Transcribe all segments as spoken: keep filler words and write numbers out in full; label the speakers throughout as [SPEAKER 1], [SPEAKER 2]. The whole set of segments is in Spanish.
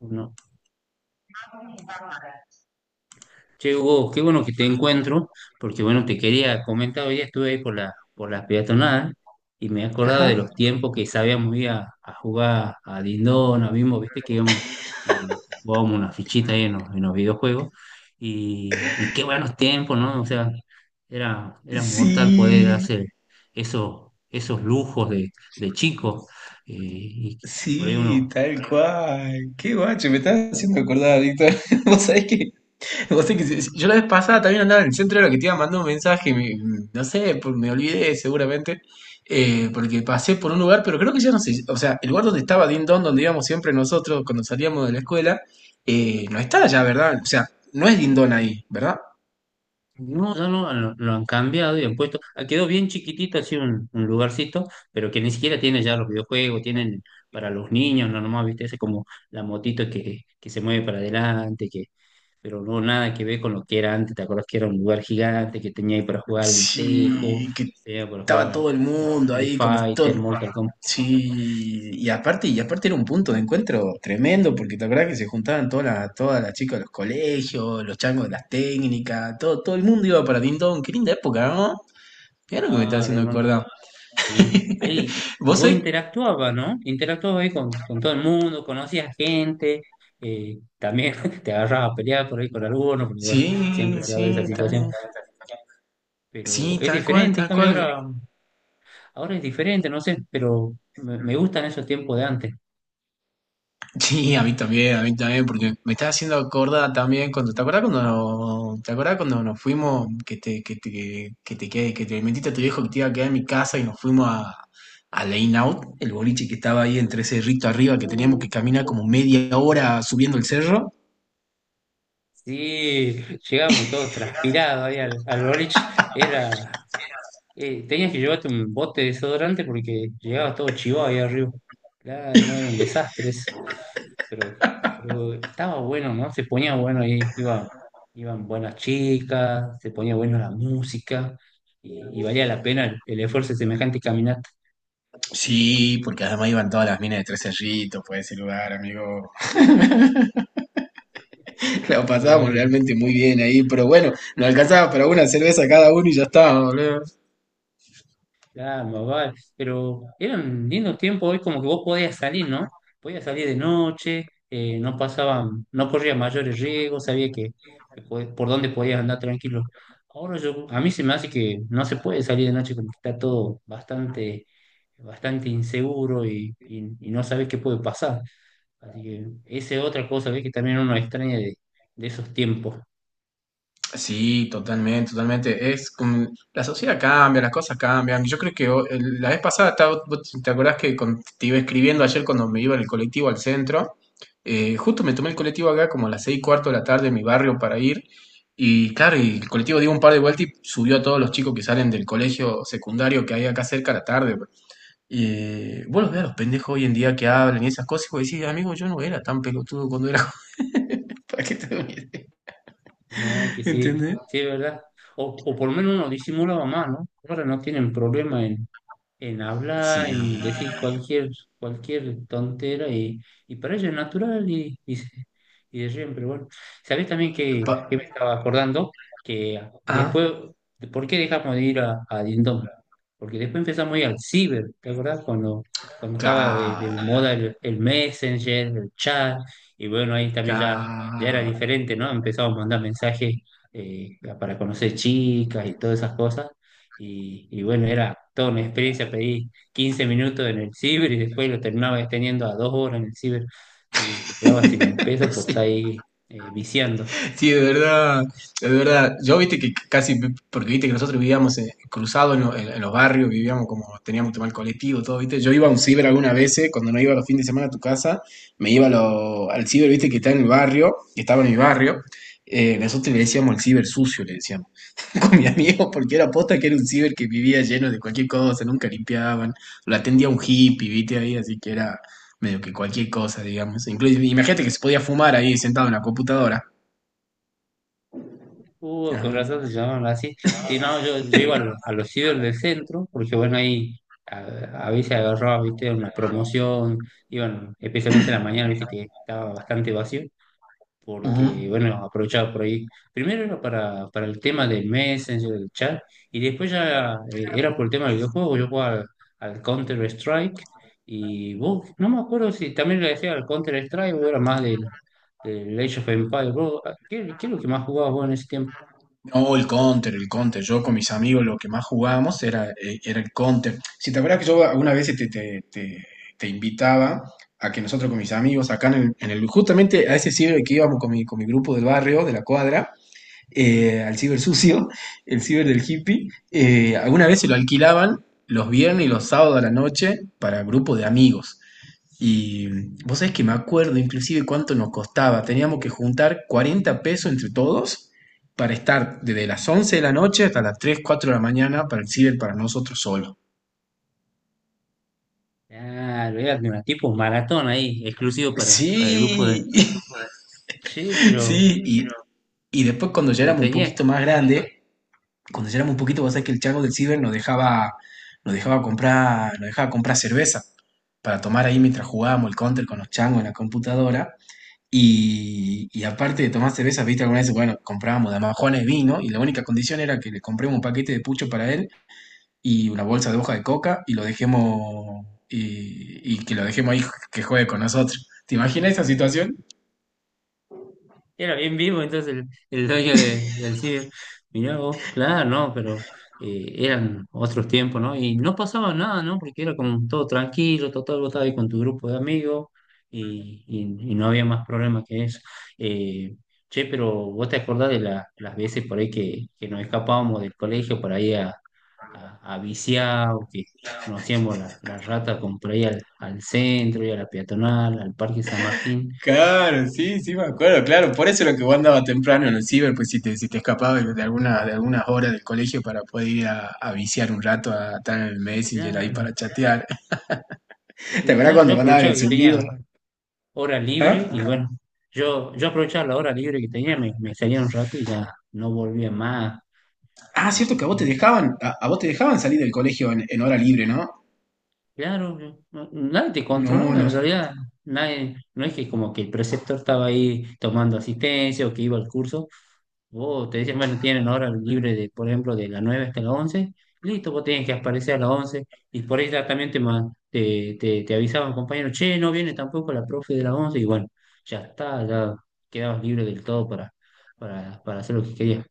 [SPEAKER 1] No. Che, Hugo, qué bueno que te encuentro, porque bueno, te quería comentar, hoy día estuve ahí por la, por las peatonal y me he acordado de
[SPEAKER 2] Ajá.
[SPEAKER 1] los tiempos que sabíamos ir a, a jugar a Dindón, a Bimbo, viste que íbamos y jugábamos una fichita ahí en los, en los videojuegos, y, y qué buenos tiempos, ¿no? O sea, era, era mortal poder
[SPEAKER 2] Sí,
[SPEAKER 1] hacer esos, esos lujos de, de chico, eh, y por ahí
[SPEAKER 2] sí,
[SPEAKER 1] uno.
[SPEAKER 2] tal cual. Qué guacho, me estás haciendo acordar, Víctor. Vos sabés que, vos sabés que si- si, yo la vez pasada también andaba en el centro, de la que te iba mandando un mensaje, me- no sé, por- me olvidé seguramente, eh, porque pasé por un lugar, pero creo que ya no sé, o sea, el lugar donde estaba Dindon, donde íbamos siempre nosotros cuando salíamos de la escuela, eh, no está ya, ¿verdad? O sea, no es Dindon ahí, ¿verdad?
[SPEAKER 1] No, ya no, lo, lo han cambiado y han puesto, ah, quedó bien chiquitito así un, un lugarcito, pero que ni siquiera tiene ya los videojuegos, tienen para los niños, no nomás, viste, ese como la motito que, que se mueve para adelante, que, pero no nada que ver con lo que era antes. ¿Te acuerdas que era un lugar gigante que tenía ahí para jugar el tejo,
[SPEAKER 2] Sí, que
[SPEAKER 1] tenía para
[SPEAKER 2] estaba
[SPEAKER 1] jugar
[SPEAKER 2] todo el
[SPEAKER 1] el
[SPEAKER 2] mundo
[SPEAKER 1] Street
[SPEAKER 2] ahí con
[SPEAKER 1] Fighter,
[SPEAKER 2] todo.
[SPEAKER 1] Mortal Kombat?
[SPEAKER 2] Sí, y aparte, y aparte era un punto de encuentro tremendo, porque te acuerdas que se juntaban todas las, todas las chicas de los colegios, los changos de las técnicas, todo, todo el mundo iba para Dindon, qué linda época, ¿no? Mira lo que me está
[SPEAKER 1] Claro,
[SPEAKER 2] haciendo
[SPEAKER 1] no,
[SPEAKER 2] acordar.
[SPEAKER 1] qué lindo. Ahí, y
[SPEAKER 2] ¿Vos
[SPEAKER 1] vos
[SPEAKER 2] sabés?
[SPEAKER 1] interactuabas, ¿no? Interactuabas ahí con, con todo el mundo, conocías gente, eh, también te agarrabas a pelear por ahí con algunos, porque bueno,
[SPEAKER 2] Sí,
[SPEAKER 1] siempre se da esa
[SPEAKER 2] sí,
[SPEAKER 1] situación,
[SPEAKER 2] tal,
[SPEAKER 1] pero
[SPEAKER 2] sí,
[SPEAKER 1] es
[SPEAKER 2] tal cual,
[SPEAKER 1] diferente, en
[SPEAKER 2] tal
[SPEAKER 1] cambio
[SPEAKER 2] cual.
[SPEAKER 1] ahora, ahora es diferente, no sé, pero me, me gustan esos tiempos de antes.
[SPEAKER 2] Sí, a mí también, a mí también, porque me está haciendo acordar también cuando, ¿te acordás cuando, no, te acordás cuando nos fuimos, que te, que te, que te, que, que te metiste a tu viejo que te iba a quedar en mi casa y nos fuimos a, a la In Out, el boliche que estaba ahí entre cerrito arriba, que teníamos
[SPEAKER 1] Uh,
[SPEAKER 2] que caminar como media hora subiendo el cerro?
[SPEAKER 1] Sí, llegamos todos transpirados ahí al, al boliche, era. Eh, tenías que llevarte un bote de desodorante porque llegabas todo chivado ahí arriba. Claro, no era un desastre eso. Pero, pero estaba bueno, ¿no? Se ponía bueno ahí, iba, iban buenas chicas, se ponía bueno la música y, y valía la pena el, el esfuerzo de semejante caminata.
[SPEAKER 2] Sí, porque además iban todas las minas de Tres Cerritos por ese lugar, amigo. La
[SPEAKER 1] Ah,
[SPEAKER 2] pasábamos
[SPEAKER 1] bueno.
[SPEAKER 2] realmente muy bien ahí, pero bueno, nos alcanzaba para una cerveza cada uno y ya está, boludo.
[SPEAKER 1] Claro, vale. Pero eran lindos tiempos, hoy como que vos podías salir, ¿no? Podías salir de noche, eh, no pasaban, no corrías mayores riesgos, sabía que, que pod- por dónde podías andar tranquilo. Ahora yo, a mí se me hace que no se puede salir de noche, como que está todo bastante, bastante inseguro y, y- y no sabes qué puede pasar. Así que esa es otra cosa, ¿ves? Que también uno extraña de, de esos tiempos.
[SPEAKER 2] Sí, totalmente, totalmente. Es como- la sociedad cambia, las cosas cambian. Yo creo que ho- el- la vez pasada, estaba- vos ¿te acordás que con- te iba escribiendo ayer cuando me iba en el colectivo al centro? Eh, justo me tomé el colectivo acá como a las seis y cuarto de la tarde en mi barrio para ir. Y claro, y el colectivo dio un par de vueltas y subió a todos los chicos que salen del colegio secundario que hay acá cerca a la tarde, pues. Y vos los ves a los pendejos hoy en día que hablan y esas cosas y vos decís, amigo, yo no era tan pelotudo cuando era joven. ¿Para qué te voy a decir?
[SPEAKER 1] No, es que sí,
[SPEAKER 2] ¿Entendés?
[SPEAKER 1] sí es verdad. O, o por lo menos uno disimulaba más, ¿no? Ahora no tienen problema en en hablar,
[SPEAKER 2] Sí,
[SPEAKER 1] en decir cualquier, cualquier tontera y, y para ella es natural y, y, se- y de siempre. Bueno, ¿sabés también que, que me
[SPEAKER 2] Pa-
[SPEAKER 1] estaba acordando? Que
[SPEAKER 2] ah,
[SPEAKER 1] después, ¿por qué dejamos de ir a, a Dindón? Porque después empezamos a ir al ciber, ¿te acordás? Cuando, cuando
[SPEAKER 2] ca,
[SPEAKER 1] estaba de, de moda el, el Messenger, el chat, y bueno, ahí también
[SPEAKER 2] ca.
[SPEAKER 1] ya, ya era diferente, ¿no? Empezamos a mandar mensajes, eh, para conocer chicas y todas esas cosas. Y, y bueno, era toda una experiencia, pedí quince minutos en el ciber y después lo terminaba extendiendo a dos horas en el ciber y te quedaba sin un peso por estar
[SPEAKER 2] Sí,
[SPEAKER 1] ahí, eh, viciando.
[SPEAKER 2] sí, de verdad, de verdad. Yo viste que casi, porque viste que nosotros vivíamos eh, cruzados en, lo- en- en los barrios, vivíamos como teníamos tema el colectivo, todo, viste. Yo iba a un ciber algunas veces, cuando no iba los fines de semana a tu casa, me iba a lo- al ciber, viste, que está en el barrio, que estaba en mi barrio. Eh, nosotros le decíamos el ciber sucio, le decíamos. Con mi amigo, porque era posta que era un ciber que vivía lleno de cualquier cosa, nunca limpiaban, lo atendía un hippie, viste ahí, así que era medio que cualquier cosa, digamos. Incluso, imagínate que se podía fumar ahí sentado en la computadora.
[SPEAKER 1] Uh, con razón
[SPEAKER 2] Ah,
[SPEAKER 1] se llamaban así. Si no, yo, yo iba a, lo- a los ciber del centro, porque bueno, ahí a, a veces agarraba, viste, una promoción, iban, especialmente en la mañana, viste, que estaba bastante vacío
[SPEAKER 2] ujú.
[SPEAKER 1] porque, bueno, aprovechaba por ahí. Primero era para, para el tema del Messenger, el chat, y después ya, eh, era por el tema del videojuego. Yo jugaba al, Counter-Strike, y vos, no me acuerdo si también le decía al Counter-Strike o era más del, del Age of Empires. Vos, ah, ¿Qué, qué es lo que más jugabas vos en ese tiempo?
[SPEAKER 2] O el counter, el counter. Yo con mis amigos lo que más jugábamos era, eh, era el counter. Si te acuerdas que yo algunas veces te, te- te- te invitaba a que nosotros con mis amigos acá en el, en el- justamente a ese ciber que íbamos con mi, con mi grupo del barrio, de la cuadra,
[SPEAKER 1] ¿Mm?
[SPEAKER 2] eh, al ciber sucio, el ciber del hippie. Eh, alguna vez se lo alquilaban los viernes y los sábados a la noche para grupos de amigos. Y vos sabés que me acuerdo inclusive cuánto nos costaba. Teníamos que juntar cuarenta pesos entre todos para estar desde las once de la noche hasta las tres cuatro de la mañana para el ciber para nosotros solos.
[SPEAKER 1] Ah, lo era de una tipo maratón ahí, exclusivo para,
[SPEAKER 2] Sí,
[SPEAKER 1] para el grupo de... Sí, pero,
[SPEAKER 2] sí, y, y después cuando ya
[SPEAKER 1] pero
[SPEAKER 2] éramos un poquito
[SPEAKER 1] tenías
[SPEAKER 2] más grandes, cuando ya éramos un poquito, vos sabés que el chango del Ciber nos dejaba, nos dejaba comprar, nos dejaba comprar cerveza para tomar ahí mientras jugábamos el counter con los changos en la computadora. Y, y aparte de tomar cerveza, viste, alguna vez, bueno, comprábamos de majones de vino y la única condición era que le compremos un paquete de pucho para él y una bolsa de hoja de coca y lo dejemos y, y que lo dejemos ahí que juegue con nosotros. ¿Te imaginas esa situación?
[SPEAKER 1] Era bien vivo entonces el, el dueño de- del ciber. Mirá vos, claro, no, pero, eh, eran otros tiempos, ¿no? Y no pasaba nada, ¿no? Porque era como todo tranquilo, total, vos estabas ahí con tu grupo de amigos y, y- y no había más problema que eso. Eh, Che, pero vos te acordás de la- las veces por ahí que, que nos escapábamos del colegio por ahí a, a, a viciar, o que nos hacíamos la, la rata con, por ahí al, al centro y a la peatonal, al Parque San Martín.
[SPEAKER 2] Claro, sí, sí, me acuerdo, claro. Por eso era que vos andabas temprano en el ciber, pues si te, si te escapabas de alguna, de algunas horas del colegio para poder ir a, a viciar un rato a estar en el Messenger ahí
[SPEAKER 1] Ya,
[SPEAKER 2] para chatear. ¿Te
[SPEAKER 1] y
[SPEAKER 2] acuerdas
[SPEAKER 1] claro, yo
[SPEAKER 2] cuando mandaban
[SPEAKER 1] aprovechaba
[SPEAKER 2] el
[SPEAKER 1] que
[SPEAKER 2] zumbido?
[SPEAKER 1] tenía hora libre y
[SPEAKER 2] ¿Ah?
[SPEAKER 1] bueno, yo, yo aprovechaba la hora libre que tenía, me, me salía un rato y ya no volvía más.
[SPEAKER 2] Ah,
[SPEAKER 1] Me
[SPEAKER 2] cierto que a vos te
[SPEAKER 1] ponía.
[SPEAKER 2] dejaban, a, a vos te dejaban salir del colegio en, en hora libre, ¿no?
[SPEAKER 1] Claro, yo- no- nadie te
[SPEAKER 2] No,
[SPEAKER 1] controlaba
[SPEAKER 2] no,
[SPEAKER 1] en realidad, nadie, no es que como que el preceptor estaba ahí tomando asistencia o que iba al curso. Vos te dicen, bueno, tienen hora libre de, por ejemplo, de las nueve hasta las once, listo, vos tenés que aparecer a las once, y por ahí ya también te, ma- te, te, te avisaban, compañero, che, no viene tampoco la profe de las once, y bueno, ya está, ya quedabas libre del todo para, para, para hacer lo que querías.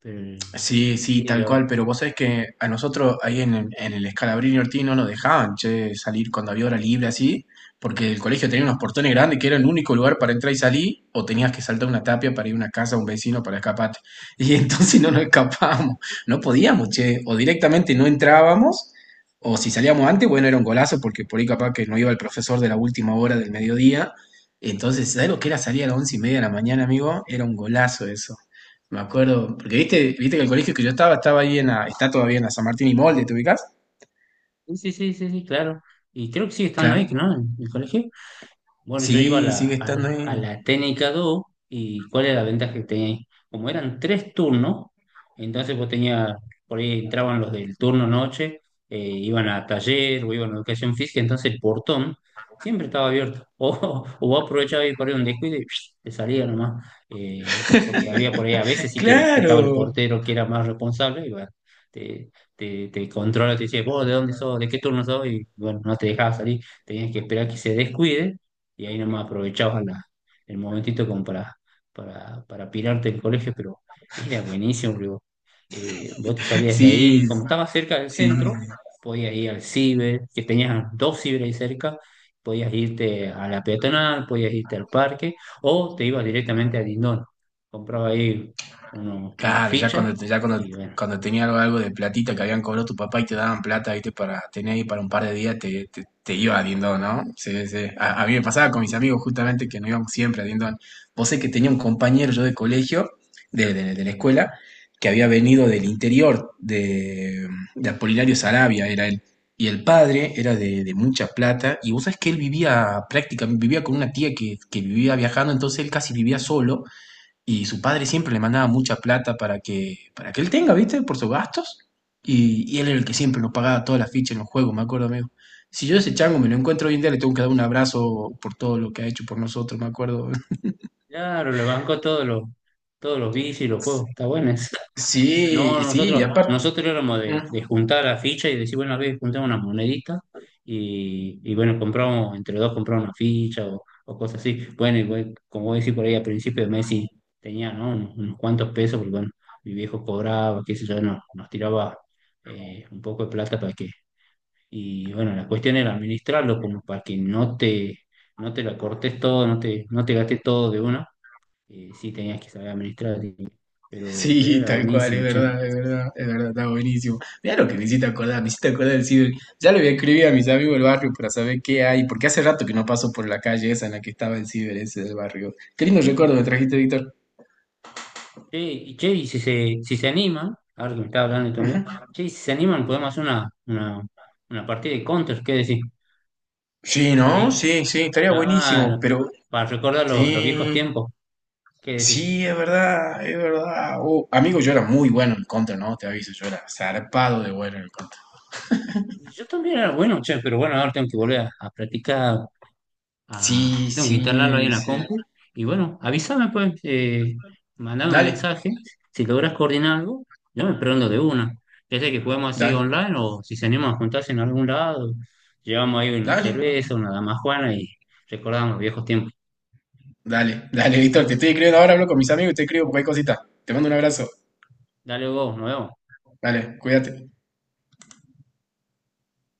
[SPEAKER 1] Pero, eh,
[SPEAKER 2] sí, sí,
[SPEAKER 1] sí,
[SPEAKER 2] tal
[SPEAKER 1] yo-
[SPEAKER 2] cual, pero vos sabés que a nosotros ahí en el, en el Scalabrini Ortiz no nos dejaban, che, salir cuando había hora libre así, porque el colegio tenía unos portones grandes que era el único lugar para entrar y salir, o tenías que saltar una tapia para ir a una casa a un vecino para escaparte. Y entonces no nos escapábamos, no podíamos, che, o directamente no entrábamos, o si salíamos antes, bueno, era un golazo, porque por ahí capaz que no iba el profesor de la última hora del mediodía. Entonces, ¿sabés lo que era salir a las once y media de la mañana, amigo? Era un golazo eso. Me acuerdo, porque viste, viste que el colegio que yo estaba, estaba ahí en la, está todavía en la San Martín y Molde, ¿te ubicás?
[SPEAKER 1] Sí, sí, sí, sí, sí, claro. Y creo que sigue estando ahí,
[SPEAKER 2] Claro.
[SPEAKER 1] ¿no? En el colegio. Bueno, yo iba a
[SPEAKER 2] Sí, sigue
[SPEAKER 1] la, a
[SPEAKER 2] estando
[SPEAKER 1] la,
[SPEAKER 2] ahí.
[SPEAKER 1] a la técnica dos. ¿Y cuál era la ventaja que tenía ahí? Como eran tres turnos, entonces vos tenías, por ahí entraban los del turno noche, eh, iban a taller o iban a educación física, entonces el portón siempre estaba abierto. O, o vos aprovechabas y por ahí un descuido y psh, te salía nomás, eh, porque había por ahí a veces sí que, que estaba el
[SPEAKER 2] Claro.
[SPEAKER 1] portero que era más responsable, y bueno, te, te, te controla, te decía, vos de dónde sos, de qué turno sos, y bueno, no te dejaba salir, tenías que esperar que se descuide y ahí nomás aprovechabas la- el momentito como para, para, para pirarte el colegio, pero era buenísimo, digo. Eh, vos te salías de ahí
[SPEAKER 2] Sí,
[SPEAKER 1] y como estabas cerca del
[SPEAKER 2] sí.
[SPEAKER 1] centro, podías ir al ciber, que tenías dos ciber ahí cerca, podías irte a la peatonal, podías irte al parque, o te ibas directamente a Lindón, compraba ahí uno, unas
[SPEAKER 2] Claro, ya
[SPEAKER 1] fichas,
[SPEAKER 2] cuando, ya cuando,
[SPEAKER 1] y bueno,
[SPEAKER 2] cuando tenía algo, algo de platita que habían cobrado tu papá y te daban plata, viste, para tener ahí para un par de días, te, te, te iba a Dindón, ¿no? Sí, sí. A, a mí me pasaba con mis amigos justamente que no íbamos siempre a Dindón. Vos sé que tenía un compañero yo de colegio, de, de- de la escuela, que había venido del interior, de, de Apolinario Sarabia era él. Y el padre era de, de mucha plata, y vos sabés que él vivía prácticamente, vivía con una tía que, que vivía viajando, entonces él casi vivía solo y su padre siempre le mandaba mucha plata para que, para que él tenga, ¿viste? Por sus gastos. Y, y él era el que siempre nos pagaba todas las fichas en los juegos, me acuerdo, amigo. Si yo ese chango me lo encuentro hoy en día, le tengo que dar un abrazo por todo lo que ha hecho por nosotros, me acuerdo.
[SPEAKER 1] claro, le bancó todos los, todos los, bicis y los juegos, está bueno eso. No,
[SPEAKER 2] Sí, sí, y
[SPEAKER 1] nosotros,
[SPEAKER 2] aparte.
[SPEAKER 1] nosotros éramos de, de
[SPEAKER 2] ¿No?
[SPEAKER 1] juntar la ficha y decir, bueno, a ver, juntamos unas moneditas, y, y bueno, compramos, entre dos compramos una ficha, o, o cosas así. Bueno, y bueno, como vos decís por ahí, al principio de mes sí tenía, ¿no? Unos, unos cuantos pesos, porque bueno, mi viejo cobraba, qué sé yo, no- nos tiraba, eh, un poco de plata para que... Y bueno, la cuestión era administrarlo como para que no te, no te la cortes todo, no te, no te gastes todo de una. Eh, sí, tenías que saber administrar, así que- pero, pero
[SPEAKER 2] Sí,
[SPEAKER 1] era
[SPEAKER 2] tal cual, es
[SPEAKER 1] buenísimo, che.
[SPEAKER 2] verdad, es verdad, es verdad, está buenísimo. Mirá lo que me hiciste acordar, me hiciste acordar del Ciber. Ya le voy a escribir a mis amigos del barrio para saber qué hay, porque hace rato que no paso por la calle esa en la que estaba el Ciber ese del barrio. Qué lindo recuerdo me trajiste, Víctor.
[SPEAKER 1] Che, y che, y si se, si se animan, ahora que me estaba hablando de tu amigo, che, y si se animan, podemos hacer una, una, una partida de Counter, ¿qué decís?
[SPEAKER 2] Sí,
[SPEAKER 1] Por
[SPEAKER 2] ¿no?
[SPEAKER 1] ahí,
[SPEAKER 2] Sí, sí, estaría buenísimo,
[SPEAKER 1] claro,
[SPEAKER 2] pero
[SPEAKER 1] para recordar los, los, viejos
[SPEAKER 2] sí,
[SPEAKER 1] tiempos, ¿qué decís?
[SPEAKER 2] sí, es verdad, es verdad. Uh, amigo, yo era muy bueno en contra, ¿no? Te aviso, yo era zarpado de bueno en contra.
[SPEAKER 1] Y Yo también era bueno, che, pero bueno, ahora tengo que volver a, a practicar. Ah,
[SPEAKER 2] Sí,
[SPEAKER 1] tengo que instalarlo ahí
[SPEAKER 2] sí,
[SPEAKER 1] en la
[SPEAKER 2] sí.
[SPEAKER 1] compu. Y bueno, avísame, pues, eh, mandame un
[SPEAKER 2] Dale,
[SPEAKER 1] mensaje. Si logras coordinar algo, yo me prendo de una. Ya sea que jugamos así
[SPEAKER 2] dale,
[SPEAKER 1] online, o si se animan a juntarse en algún lado, llevamos ahí una
[SPEAKER 2] dale,
[SPEAKER 1] cerveza, una damajuana y recordamos los viejos tiempos.
[SPEAKER 2] dale, dale, Víctor, te estoy escribiendo ahora, hablo con mis amigos y te escribo cualquier cosita. Te mando un abrazo.
[SPEAKER 1] Dale vos, nos vemos.
[SPEAKER 2] Dale, cuídate.